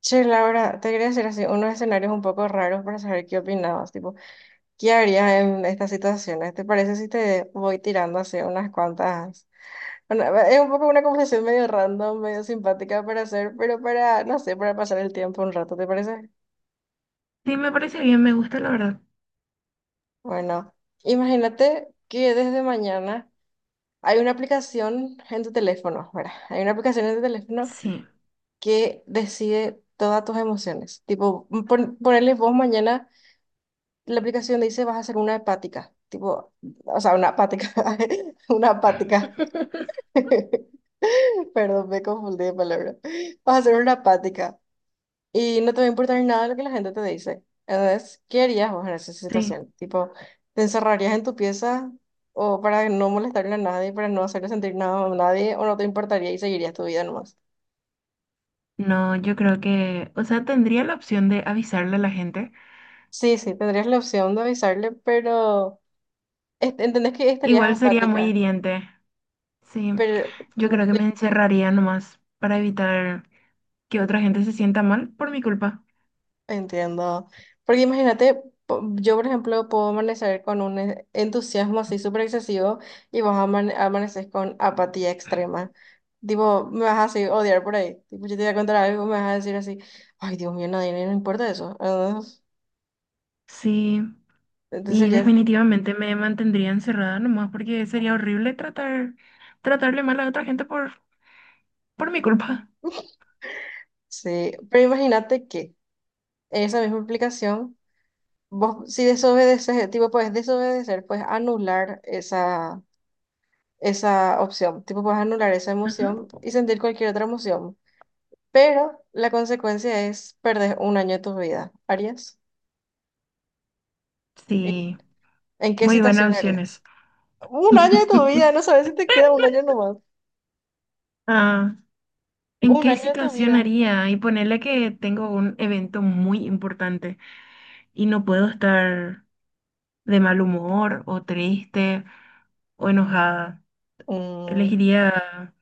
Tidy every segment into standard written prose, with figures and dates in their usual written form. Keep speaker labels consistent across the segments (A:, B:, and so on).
A: Che, Laura, te quería hacer así, unos escenarios un poco raros para saber qué opinabas, tipo, ¿qué harías en estas situaciones? ¿Te parece si te voy tirando así unas cuantas? Bueno, es un poco una conversación medio random, medio simpática para hacer, pero para, no sé, para pasar el tiempo un rato, ¿te parece?
B: Sí, me parece bien, me gusta la verdad.
A: Bueno, imagínate que desde mañana hay una aplicación en tu teléfono, ¿verdad? Hay una aplicación en tu teléfono
B: Sí,
A: que decide todas tus emociones. Tipo, ponerle vos mañana la aplicación dice vas a hacer una hepática, tipo, o sea, una hepática, una hepática. Perdón, me confundí de palabra. Vas a hacer una apática y no te va a importar nada lo que la gente te dice. Entonces, ¿qué harías vos en esa
B: sí.
A: situación? Tipo, ¿te encerrarías en tu pieza o para no molestarle a nadie, para no hacerle sentir nada a nadie, o no te importaría y seguirías tu vida nomás?
B: No, yo creo que, o sea, tendría la opción de avisarle a la gente.
A: Sí, sí, tendrías la opción de avisarle, pero entendés que estarías
B: Igual sería muy
A: apática,
B: hiriente. Sí,
A: pero
B: yo creo que me encerraría nomás para evitar que otra gente se sienta mal por mi culpa.
A: entiendo. Porque imagínate, yo por ejemplo puedo amanecer con un entusiasmo así súper excesivo y vos amaneces con apatía extrema. Tipo, me vas a así odiar por ahí. Tipo, yo te voy a contar algo, me vas a decir así, ay Dios mío, nadie no importa eso. Ah,
B: Sí,
A: entonces
B: y
A: sería,
B: definitivamente me mantendría encerrada nomás porque sería horrible tratar, tratarle mal a otra gente por mi culpa.
A: sí. Pero imagínate que esa misma aplicación, vos si desobedeces, tipo, puedes desobedecer, puedes anular esa, esa opción. Tipo, puedes anular esa
B: Ajá.
A: emoción y sentir cualquier otra emoción. Pero la consecuencia es perder un año de tu vida. ¿Harías? ¿En
B: Sí,
A: qué
B: muy
A: situación
B: buenas
A: harías?
B: opciones.
A: Un año de tu vida, no sabes si te queda un año nomás.
B: Ah. ¿En
A: Un
B: qué
A: año de tu
B: situación
A: vida.
B: haría? Y ponerle que tengo un evento muy importante y no puedo estar de mal humor o triste o enojada.
A: Mm,
B: Elegiría,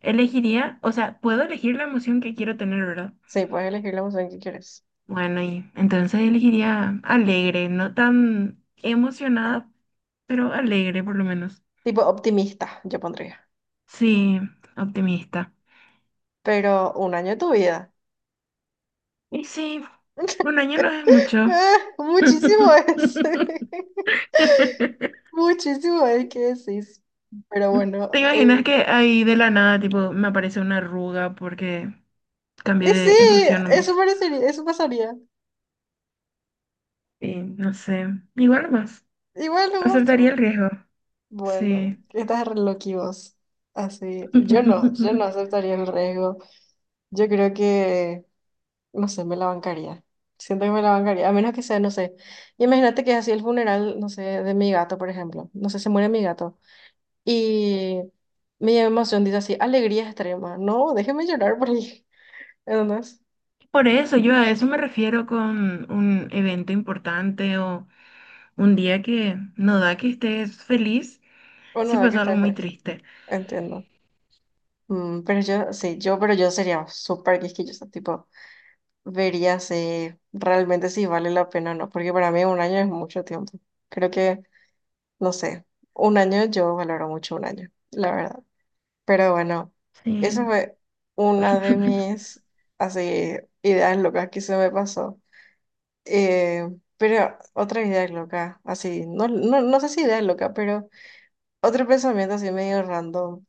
B: elegiría, o sea, puedo elegir la emoción que quiero tener, ¿verdad?
A: sí, puedes elegir la emoción que quieres.
B: Bueno, y entonces elegiría alegre, no tan emocionada, pero alegre por lo menos.
A: Tipo optimista, yo pondría.
B: Sí, optimista.
A: Pero un año de tu vida.
B: Y sí, 1 año no es mucho.
A: Ah, muchísimo es. Muchísimo es que decís. Pero bueno,
B: ¿Te imaginas que ahí de la nada, tipo, me aparece una arruga porque cambié
A: y sí,
B: de emoción
A: eso
B: nomás?
A: parecería, eso pasaría.
B: Y no sé, igual nomás,
A: Igual no más.
B: aceptaría el riesgo,
A: Bueno,
B: sí.
A: estás re loqui vos. Así, yo no aceptaría el riesgo. Yo creo que, no sé, me la bancaría. Siento que me la bancaría, a menos que sea, no sé. Imagínate que es así el funeral, no sé, de mi gato, por ejemplo. No sé, se muere mi gato. Y mi emoción dice así, alegría extrema. No, déjeme llorar por ahí. ¿Entendés?
B: Por eso, yo a eso me refiero con un evento importante o un día que no da que estés feliz
A: Uno
B: si
A: da que
B: pasó algo
A: estar
B: muy
A: triste.
B: triste.
A: Entiendo. Mm, pero yo sería súper quisquillosa, tipo. Vería si realmente si vale la pena o no, porque para mí un año es mucho tiempo. Creo que, no sé, un año yo valoro mucho un año, la verdad. Pero bueno, eso
B: Sí,
A: fue una de mis así ideas locas que se me pasó. Eh, pero otra idea loca, así, no sé si idea loca, pero otro pensamiento así medio random.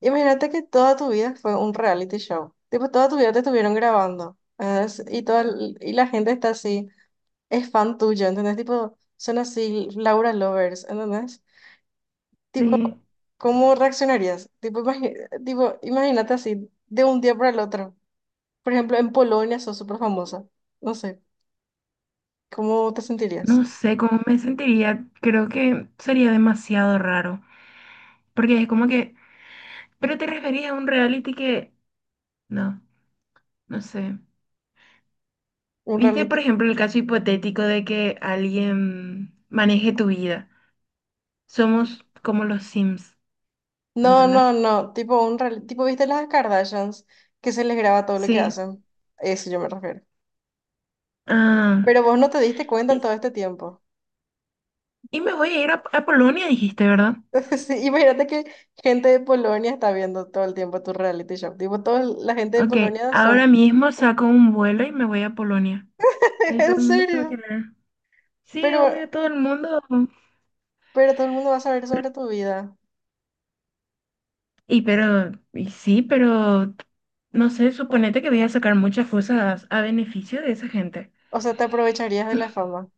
A: Imagínate que toda tu vida fue un reality show. Tipo, toda tu vida te estuvieron grabando. ¿Entendés? Y, toda, y la gente está así es fan tuyo, ¿entendés? Tipo, son así Laura Lovers, ¿entendés? Tipo,
B: sí.
A: ¿cómo reaccionarías? Tipo, tipo, imagínate así, de un día para el otro. Por ejemplo, en Polonia sos súper famosa. No sé, ¿cómo te sentirías?
B: No sé cómo me sentiría, creo que sería demasiado raro, porque es como que, pero te referías a un reality que no, no sé.
A: ¿Un
B: ¿Viste, por
A: reality?
B: ejemplo, el caso hipotético de que alguien maneje tu vida? Somos como los Sims,
A: No, no,
B: ¿entendés?
A: no, tipo tipo, ¿viste las Kardashians que se les graba todo lo que
B: Sí.
A: hacen? A eso yo me refiero.
B: Ah,
A: Pero vos no te diste cuenta en
B: y,
A: todo este tiempo.
B: y me voy a ir a Polonia, dijiste, ¿verdad?
A: Sí, imagínate que gente de Polonia está viendo todo el tiempo tu reality show. Tipo, toda la gente de
B: Ok,
A: Polonia son
B: ahora mismo saco un vuelo y me voy a Polonia. Ahí todo
A: en
B: el mundo me va a
A: serio.
B: querer. Sí,
A: Pero,
B: obvio, todo el mundo.
A: pero todo el mundo va a saber sobre tu vida.
B: Y pero, y sí, pero, no sé, suponete que voy a sacar muchas cosas a beneficio de esa gente.
A: O sea, te aprovecharías de la fama.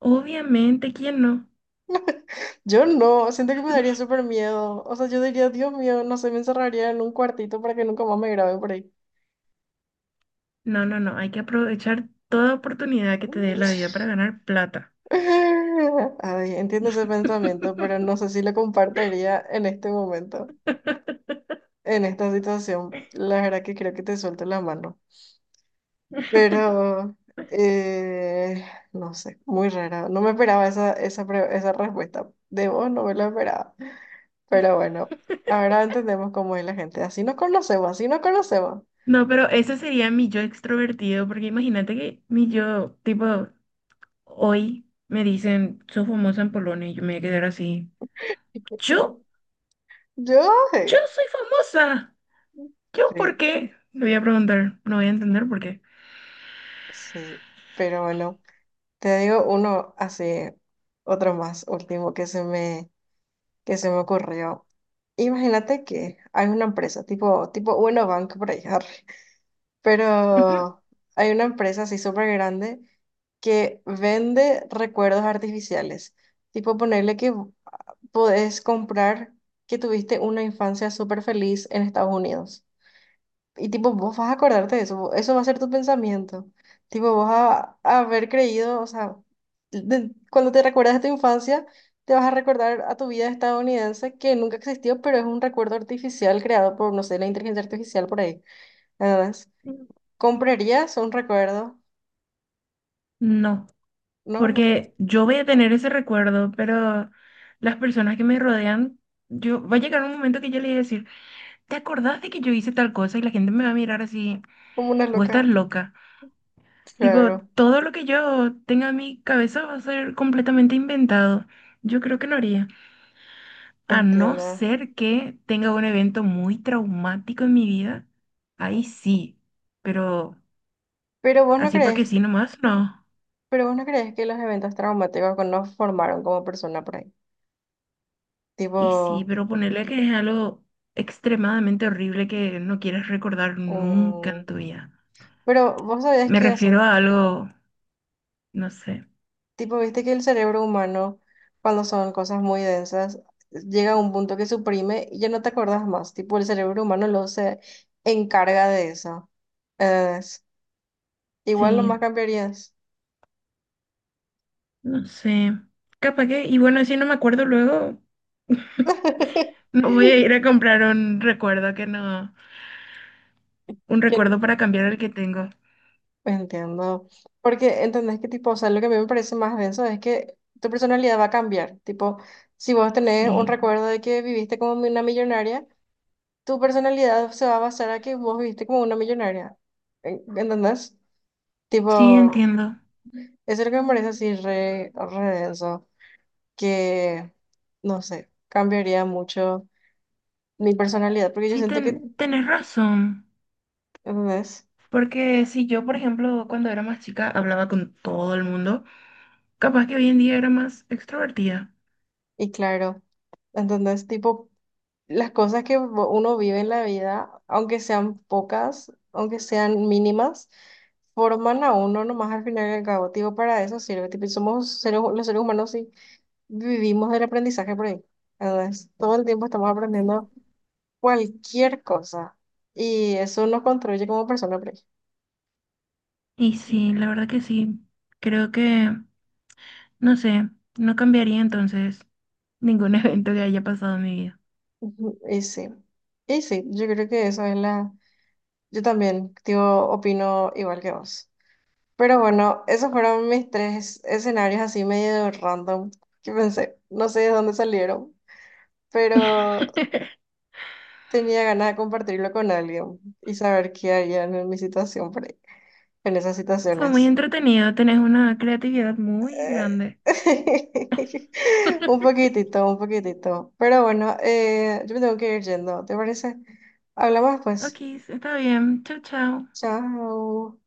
B: Obviamente, ¿quién no?
A: Yo no, siento que me daría súper miedo. O sea, yo diría, Dios mío, no sé, me encerraría en un cuartito para que nunca más me grabe por ahí.
B: No, no, no, hay que aprovechar toda oportunidad que te dé la vida para ganar plata.
A: Ay, entiendo ese pensamiento, pero no sé si lo compartiría en este momento, en esta situación. La verdad que creo que te suelto la mano. Pero, eh, no sé, muy rara. No me esperaba esa respuesta. De vos no me lo esperaba. Pero bueno, ahora entendemos cómo es la gente. Así nos conocemos, así nos conocemos.
B: No, pero ese sería mi yo extrovertido, porque imagínate que mi yo, tipo, hoy me dicen, sos famosa en Polonia, y yo me voy a quedar así. ¿Yo?
A: Yo,
B: ¿Yo
A: eh,
B: soy famosa? ¿Yo por
A: sí,
B: qué? Le voy a preguntar, no voy a entender por qué.
A: sí. Pero bueno, te digo uno así, otro más, último que se me ocurrió. Imagínate que hay una empresa tipo, tipo Bueno Banco por ahí,
B: Ujú.
A: pero hay una empresa así súper grande que vende recuerdos artificiales. Tipo, podés comprar que tuviste una infancia súper feliz en Estados Unidos. Y tipo, vos vas a acordarte de eso, eso va a ser tu pensamiento. Tipo, vos a haber creído, o sea, cuando te recuerdas de tu infancia, te vas a recordar a tu vida estadounidense que nunca existió, pero es un recuerdo artificial creado por, no sé, la inteligencia artificial por ahí. ¿Comprarías un recuerdo?
B: No,
A: ¿No?
B: porque yo voy a tener ese recuerdo, pero las personas que me rodean, yo va a llegar un momento que yo le voy a decir. ¿Te acordás de que yo hice tal cosa y la gente me va a mirar así,
A: Como una
B: vos estás
A: loca.
B: loca? Tipo,
A: Claro,
B: todo lo que yo tenga en mi cabeza va a ser completamente inventado. Yo creo que no haría. A no
A: entiendo.
B: ser que tenga un evento muy traumático en mi vida, ahí sí. Pero
A: Pero vos no
B: así porque
A: crees,
B: sí nomás, no.
A: pero vos no crees que los eventos traumáticos que nos formaron como persona por ahí. Tipo,
B: Y sí, pero ponerle que es algo extremadamente horrible que no quieres recordar nunca en
A: mm,
B: tu vida.
A: pero vos sabías
B: Me
A: qué hace.
B: refiero a algo, no sé.
A: Tipo, viste que el cerebro humano, cuando son cosas muy densas, llega a un punto que suprime y ya no te acordás más. Tipo, el cerebro humano lo se encarga de eso. Es- igual
B: Sí.
A: nomás cambiarías.
B: No sé, capaz que, y bueno, si no me acuerdo luego, me voy a ir a comprar un recuerdo que no, un
A: Que
B: recuerdo para cambiar el que tengo.
A: entiendo. Porque entendés que tipo, o sea, lo que a mí me parece más denso es que tu personalidad va a cambiar. Tipo, si vos tenés un
B: Sí,
A: recuerdo de que viviste como una millonaria, tu personalidad se va a basar a que vos viviste como una millonaria. ¿Entendés?
B: sí,
A: Tipo,
B: entiendo.
A: eso es lo que me parece así re, re denso, que, no sé, cambiaría mucho mi personalidad, porque yo
B: Sí,
A: siento que,
B: tenés razón.
A: ¿entendés?
B: Porque si yo, por ejemplo, cuando era más chica hablaba con todo el mundo, capaz que hoy en día era más extrovertida.
A: Y claro, ¿entendés? Tipo, las cosas uno vive en la vida, aunque sean pocas, aunque sean mínimas, forman a uno nomás al final y al cabo. Tipo, para eso sirve. Tipo, somos los seres humanos y vivimos del aprendizaje por ahí. Entonces, todo el tiempo estamos aprendiendo cualquier cosa y eso nos construye como persona por ahí.
B: Y sí, la verdad que sí. Creo que, no sé, no cambiaría entonces ningún evento que haya pasado en mi vida.
A: Ujú, y sí, y sí, yo creo que eso es la... Yo también, tío, opino igual que vos. Pero bueno, esos fueron mis tres escenarios así medio random que pensé, no sé de dónde salieron, pero tenía ganas de compartirlo con alguien y saber qué harían en mi situación por ahí, en esas
B: Fue muy
A: situaciones.
B: entretenido, tenés una creatividad muy
A: Eh,
B: grande.
A: un poquitito, un poquitito. Pero bueno, yo me tengo que ir yendo, ¿te parece? Hablamos pues.
B: Ok, está bien. Chau, chau.
A: Chao.